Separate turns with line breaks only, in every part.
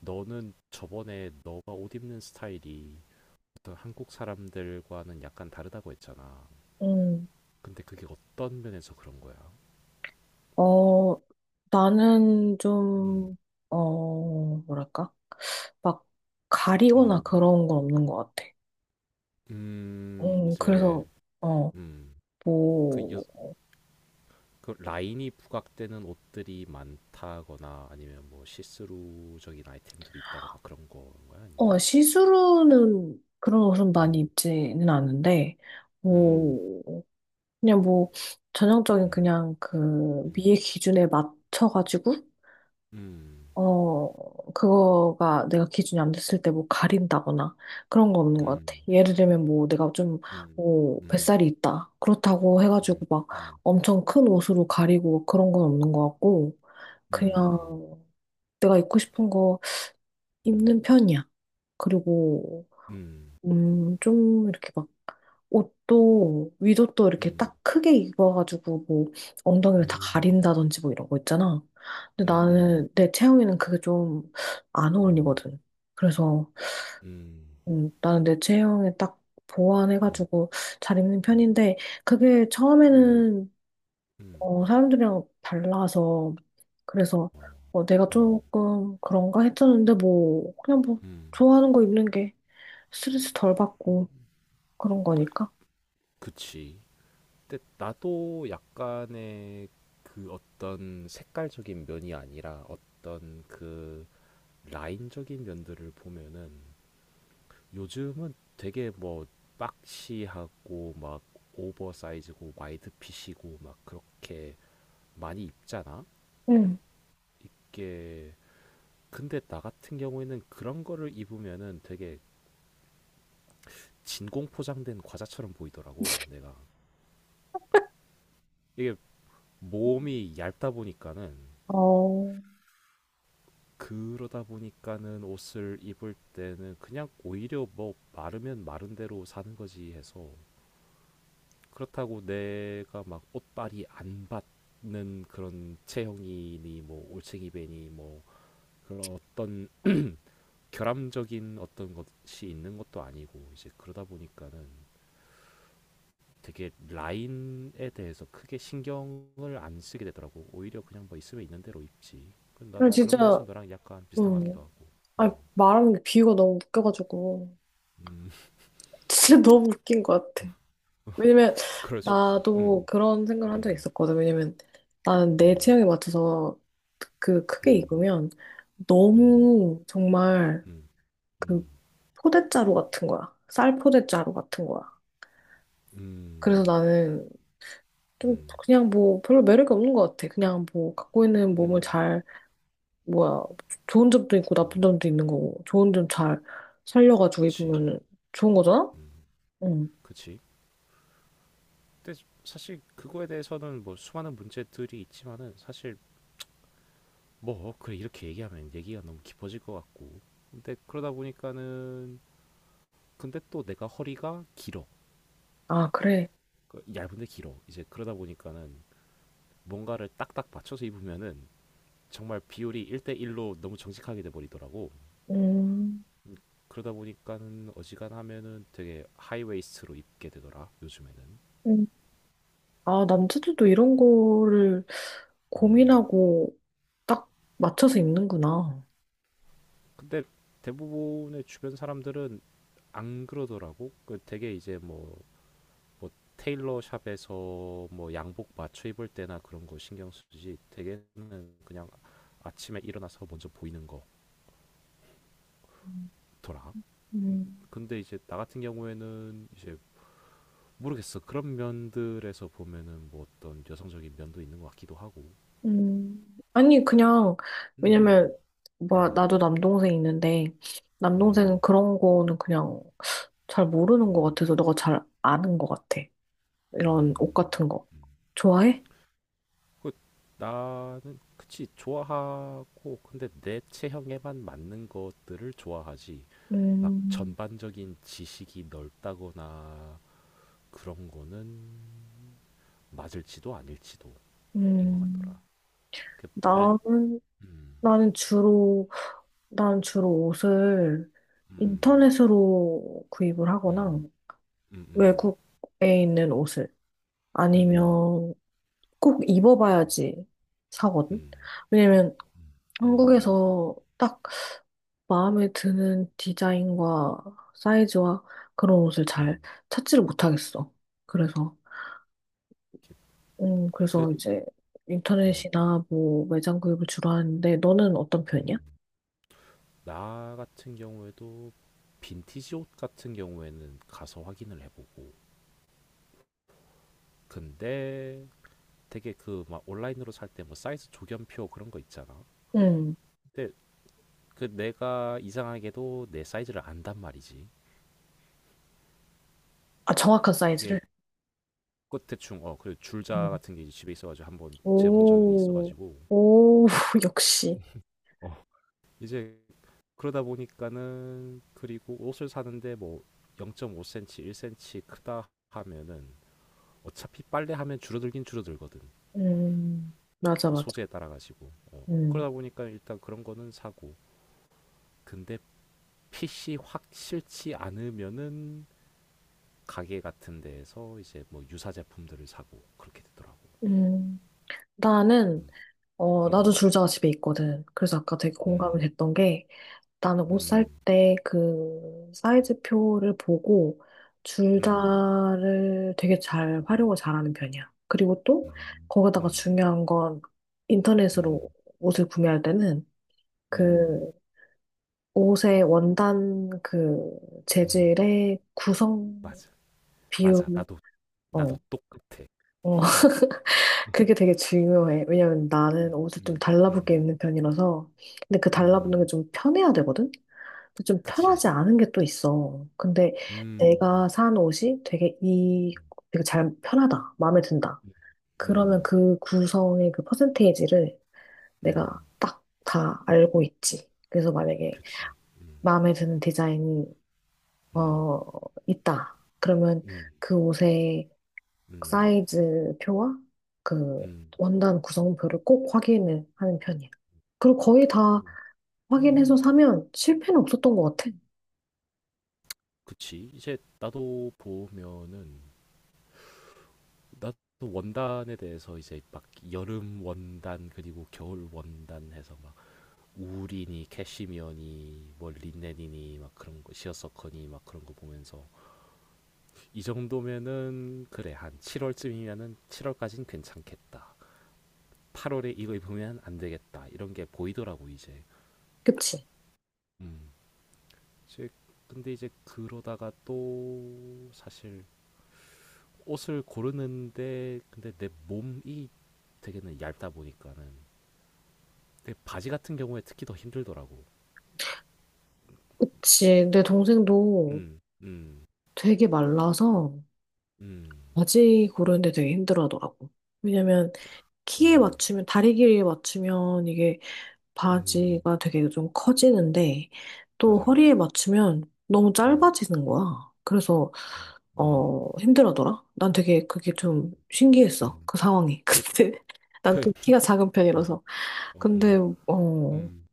너는 저번에 너가 옷 입는 스타일이 어떤 한국 사람들과는 약간 다르다고 했잖아.
음,
근데 그게 어떤 면에서 그런 거야?
어, 나는
음,
좀, 어, 뭐랄까? 막 가리거나
음,
그런 건 없는 것 같아. 그래서,
이제,
어,
음, 그, 여,
뭐,
그 라인이 부각되는 옷들이 많다거나 아니면 뭐 시스루적인 아이템들이 있다거나 그런 건가요? 아니면,
시스루는 그런 옷은 많이
음.
입지는 않는데,
음.
뭐, 그냥 뭐, 전형적인
음.
그냥 그
음.
미의 기준에 맞춰가지고,
음.
어, 그거가 내가 기준이 안 됐을 때 뭐 가린다거나 그런 거 없는 것 같아.
음.
예를 들면 뭐 내가 좀,
음.
뭐
음.
뱃살이 있다. 그렇다고 해가지고 막
음.
엄청 큰 옷으로 가리고 그런 건 없는 것 같고,
음.
그냥
음.
내가 입고 싶은 거 입는 편이야. 그리고,
음. 음.
좀 이렇게 막 옷도 위도 또 이렇게
음.
딱 크게 입어가지고 뭐 엉덩이를 다
음.
가린다든지 뭐 이런 거 있잖아. 근데
음음.
나는 내 체형에는 그게 좀 안
음.
어울리거든. 그래서
음.
나는 내 체형에 딱
음. 음.
보완해가지고 잘 입는
음.
편인데 그게
음.
처음에는
음.
사람들이랑 달라서 그래서
어.
내가
어.
조금 그런가 했었는데 뭐 그냥 뭐
음.
좋아하는 거 입는 게 스트레스 덜 받고 그런 거니까.
그치. 근데 나도 약간의 그 어떤 색깔적인 면이 아니라 어떤 그 라인적인 면들을 보면은 요즘은 되게 뭐 박시하고 막 오버사이즈고 와이드핏이고 막 그렇게 많이 입잖아?
응.
이게 근데 나 같은 경우에는 그런 거를 입으면은 되게 진공 포장된 과자처럼 보이더라고. 내가 이게 몸이 얇다 보니까는
어.
그러다 보니까는 옷을 입을 때는 그냥 오히려 뭐 마르면 마른 대로 사는 거지 해서 그렇다고 내가 막 옷빨이 안 받는 그런 체형이니 뭐 올챙이 배니 뭐 그런 어떤 결함적인 어떤 것이 있는 것도 아니고 이제 그러다 보니까는 되게 라인에 대해서 크게 신경을 안 쓰게 되더라고. 오히려 그냥 뭐 있으면 있는 대로 입지. 그
그냥
나도
진짜,
그런 면에서 너랑 약간 비슷한 것
음,
같기도 하고.
아, 말하는 게 비유가 너무 웃겨가지고.
음,
진짜 너무 웃긴 것 같아. 왜냐면,
그럴 수 있지.
나도
음.
그런 생각을 한 적이
음.
있었거든. 왜냐면, 나는 내
음.
취향에 맞춰서 그 크게
음.
익으면
음.
너무 정말
음.
그
음.
포대자루 같은 거야. 쌀 포대자루 같은 거야. 그래서
음.
나는 좀
음.
그냥 뭐 별로 매력이 없는 것 같아. 그냥 뭐 갖고 있는 몸을
음.
잘 뭐야, 좋은 점도 있고
음.
나쁜 점도 있는 거고, 좋은 점 잘 살려가지고
그치.
입으면 좋은 거잖아?
음.
응.
그치. 근데 사실 그거에 대해서는 뭐 수많은 문제들이 있지만은 사실 뭐 그래 이렇게 얘기하면 얘기가 너무 깊어질 것 같고. 근데 그러다 보니까는 근데 또 내가 허리가 길어.
아, 그래.
그 얇은데 길어. 이제 그러다 보니까는 뭔가를 딱딱 맞춰서 입으면은 정말 비율이 1대1로 너무 정직하게 돼버리더라고.
음.
그러다 보니까는 어지간하면은 되게 하이웨이스트로 입게 되더라, 요즘에는.
음. 아, 남자들도 이런 거를
음.
고민하고 딱 맞춰서 입는구나.
근데 대부분의 주변 사람들은 안 그러더라고. 그 되게 이제 뭐 테일러 샵에서 뭐 양복 맞춰 입을 때나 그런 거 신경 쓰지. 되게는 그냥 아침에 일어나서 먼저 보이는 거더라.
음.
근데 이제 나 같은 경우에는 이제 모르겠어. 그런 면들에서 보면은 뭐 어떤 여성적인 면도 있는 것 같기도 하고.
음. 아니, 그냥,
음.
왜냐면, 뭐, 나도
음.
남동생 있는데,
음.
남동생은 그런 거는 그냥 잘 모르는
음.
것 같아서 너가 잘 아는 것 같아. 이런 옷
음.
같은 거. 좋아해?
그 나는 그치 좋아하고 근데 내 체형에만 맞는 것들을 좋아하지. 막
음,
전반적인 지식이 넓다거나 그런 거는 맞을지도 아닐지도 인 것 같더라.
음.
그 브랜
나는,
음.
나는 주로, 나는 주로 옷을
음.
인터넷으로 구입을 하거나
음. 음. 음.
외국에 있는 옷을
음.
아니면 꼭 입어봐야지
음.
사거든.
음.
왜냐면
음.
한국에서 딱 마음에 드는 디자인과 사이즈와 그런 옷을
음.
잘 찾지를 못하겠어. 그래서,
이렇게 그
그래서 이제
음.
인터넷이나 뭐 매장 구입을 주로 하는데 너는 어떤 편이야?
음. 나 같은 경우에도 빈티지 옷 같은 경우에는 가서 확인을 해보고 근데 되게 그 막 온라인으로 살 때 뭐 사이즈 조견표 그런 거 있잖아.
음.
근데 그 내가 이상하게도 내 사이즈를 안단 말이지.
아, 정확한
이게
사이즈를.
끝 대충 그리고 줄자
음.
같은 게 이제 집에 있어가지고 한번 재본 적이
오,
있어가지고
오, 역시.
어 이제 그러다 보니까는 그리고 옷을 사는데 뭐 0.5cm, 1cm 크다 하면은 어차피 빨래하면 줄어들긴 줄어들거든.
맞아, 맞아.
소재에 따라 가지고. 어.
음,
그러다 보니까 일단 그런 거는 사고. 근데 핏이 확 싫지 않으면은 가게 같은 데에서 이제 뭐 유사 제품들을 사고 그렇게 되더라고.
음. 나는,
음.
나도 줄자가 집에 있거든. 그래서 아까 되게 공감이
음.
됐던 게, 나는 옷 살
음.
때 그 사이즈표를 보고
음. 음.
줄자를 되게 잘 활용을 잘하는 편이야. 그리고 또,
음.
거기다가
음.
중요한 건 인터넷으로
음.
옷을 구매할 때는
음.
그 옷의 원단 그
음.
재질의 구성
맞아.
비율,
맞아. 나도
어,
나도 똑같아.
어, 그게 되게 중요해. 왜냐면 나는
음
옷을 좀
음
달라붙게
음
입는 편이라서. 근데 그 달라붙는 게
음.
좀 편해야 되거든? 근데 좀
그치.
편하지 않은 게 또 있어. 근데
음.
내가 산 옷이 되게 잘 편하다. 마음에 든다.
음
그러면
음
그 구성의 그 퍼센테이지를
음.
내가 딱 다 알고 있지. 그래서 만약에
그치.
마음에 드는 디자인이
음
어, 있다. 그러면
음
그 옷의
음
사이즈 표와 그
음
원단 구성표를 꼭 확인을 하는 편이야. 그리고 거의 다
음 음
확인해서 사면 실패는 없었던 것 같아.
그치. 이제 나도 보면은 나도 원단에 대해서 이제 막 여름 원단 그리고 겨울 원단 해서 막 울이니 캐시미어니 뭐 린넨이니 막 그런 거 시어서커니 막 그런 거 보면서 이 정도면은 그래 한 7월쯤이면은 7월까진 괜찮겠다. 8월에 이거 입으면 안 되겠다 이런 게 보이더라고 이제.
그치?
음. 근데 이제 그러다가 또 사실 옷을 고르는데 근데 내 몸이 되게는 얇다 보니까는 근데 바지 같은 경우에 특히 더 힘들더라고.
그치. 내 동생도
음. 음.
되게 말라서
음.
바지 고르는데 되게 힘들어하더라고. 왜냐면 키에
음.
맞추면, 다리 길이에 맞추면 이게
음.
바지가 되게 좀 커지는데 또
맞아.
허리에 맞추면 너무
음.
짧아지는 거야. 그래서
음. 음.
힘들어더라. 난 되게 그게 좀 신기했어.
음.
그 상황이.
그
근데 난
그,
또 키가 작은
어,
편이라서.
어, 음.
근데, 어,
음.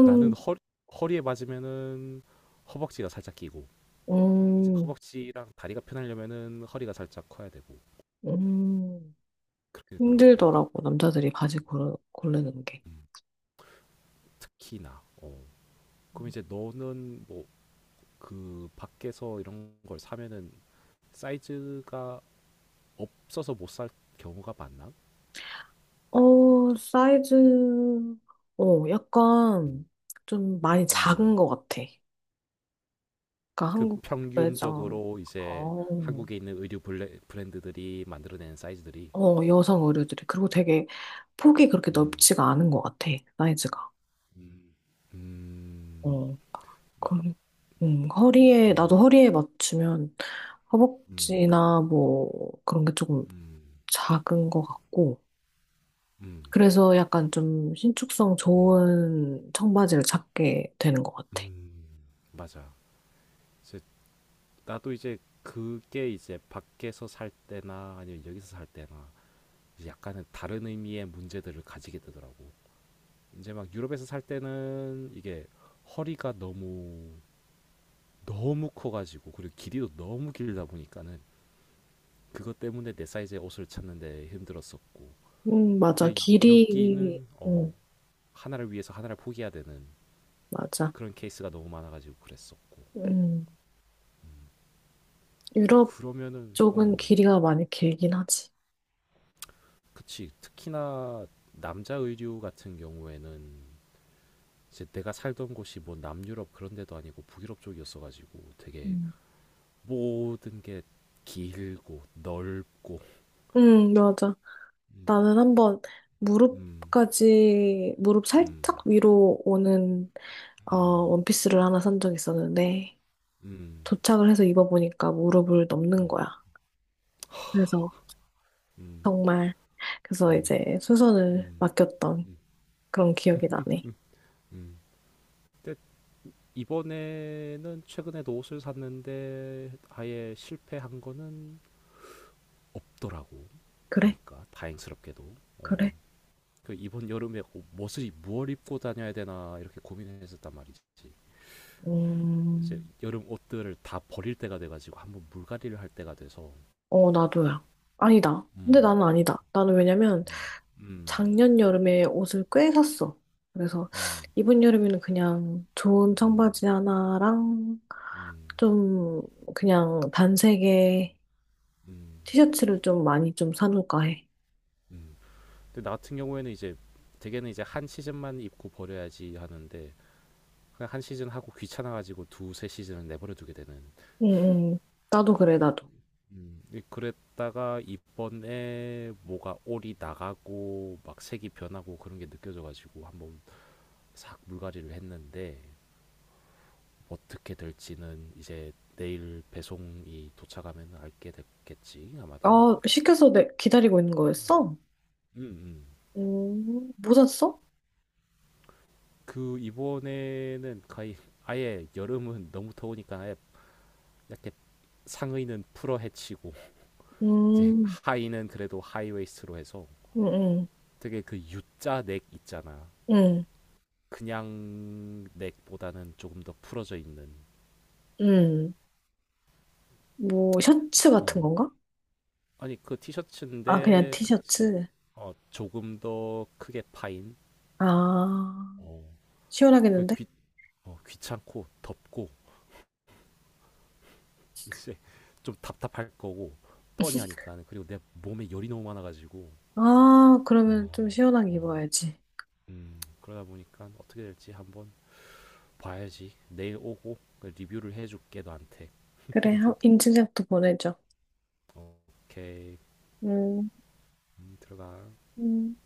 나는 허 허리에 맞으면은 허벅지가 살짝 끼고 이제
음,
허벅지랑 다리가 편하려면은 허리가 살짝 커야 되고
음,
그렇게 되더라고 나도
힘들더라고. 남자들이 바지 고르는 게.
음. 특히나 그럼 이제 너는 뭐 그 밖에서 이런 걸 사면은 사이즈가 없어서 못 살 경우가 많나?
어, 사이즈,
음.
약간 좀 많이 작은
음.
것 같아. 그러니까
그
한국 매장,
평균적으로 이제
어,
한국에 있는 의류 브랜드들이 만들어낸 사이즈들이
여성 의류들이. 그리고 되게 폭이 그렇게
음.
넓지가 않은 것 같아, 사이즈가.
음. 음.
어.
마,
걸- 나도
음.
허리에 맞추면
음.
허벅지나 뭐 그런 게 조금
음.
작은 것 같고,
음.
그래서 약간 좀 신축성
음.
좋은 청바지를 찾게 되는 것 같아.
음. 맞아. 이제 나도 이제 그게 이제 밖에서 살 때나 아니면 여기서 살 때나 약간은 다른 의미의 문제들을 가지게 되더라고. 이제 막 유럽에서 살 때는 이게 허리가 너무 너무 커가지고 그리고 길이도 너무 길다 보니까는 그것 때문에 내 사이즈의 옷을 찾는데 힘들었었고
맞아.
근데 여기는
음,
하나를 위해서 하나를 포기해야 되는
맞아.
그런 케이스가 너무 많아가지고 그랬었고
음, 유럽
그러면은
쪽은 길이가 많이 길긴 하지.
그치. 특히나 남자 의류 같은 경우에는 이제 내가 살던 곳이 뭐 남유럽 그런 데도 아니고 북유럽 쪽이었어가지고 되게
음,
모든 게 길고 넓고
맞아.
음.
나는 한번
음.
무릎
음.
살짝 위로 오는,
음.
원피스를 하나 산 적 있었는데,
음.
도착을 해서 입어보니까 무릎을 넘는
음.
거야. 그래서
음.
정말 그래서
음.
이제 수선을
음.
맡겼던
음.
그런 기억이 나네.
음. 근데 이번에는 최근에도 옷을 샀는데 아예 실패한 거는 없더라고
그래?
보니까 다행스럽게도
그래?
어. 그 이번 여름에 옷- 을 무얼 입고 다녀야 되나 이렇게 고민했었단 말이지. 이제
음,
여름 옷들을 다 버릴 때가 돼가지고 한번 물갈이를 할 때가 돼서.
나도야. 아니다. 근데
음.
나는 아니다. 나는 왜냐면
음. 음.
작년 여름에 옷을 꽤 샀어. 그래서
음.
이번 여름에는 그냥 좋은
음.
청바지 하나랑
음.
좀 그냥 단색의
음.
티셔츠를 좀 많이 좀 사놓을까 해.
음. 근데 나 같은 경우에는 이제 대개는 이제 한 시즌만 입고 버려야지 하는데 그냥 한 시즌 하고 귀찮아가지고 두세 시즌을 내버려 두게 되는.
응, 응. 나도 그래, 나도.
그랬다가 이번에 뭐가 올이 나가고 막 색이 변하고 그런 게 느껴져가지고 한번 싹 물갈이를 했는데 어떻게 될지는 이제 내일 배송이 도착하면 알게 됐겠지 아마도.
아, 시켜서 기다리고 있는 거였어?
음. 음.
음, 뭐 샀어?
그 이번에는 거의 아예 여름은 너무 더우니까 아예 이렇게 상의는 풀어 헤치고 이제
음,
하의는 그래도 하이웨이스트로 해서
음, 음,
되게 그 U자 넥 있잖아.
음,
그냥 넥보다는 조금 더 풀어져 있는.
음. 뭐, 셔츠 같은
어.
건가?
아니 그
아, 그냥
티셔츠인데 그치.
티셔츠.
조금 더 크게 파인.
아,
어. 그
시원하겠는데?
귀찮고 덥고 이제 좀 답답할 거고 뻔히 하니까 그리고 내 몸에 열이 너무 많아가지고
아,
와,
그러면 좀 시원하게
어.
입어야지.
그러다 보니까 어떻게 될지 한번 봐야지 내일 오고 그 리뷰를 해줄게 너한테
그래, 인증샷도 보내줘.
어, 오케이.
음.
들어가.
음.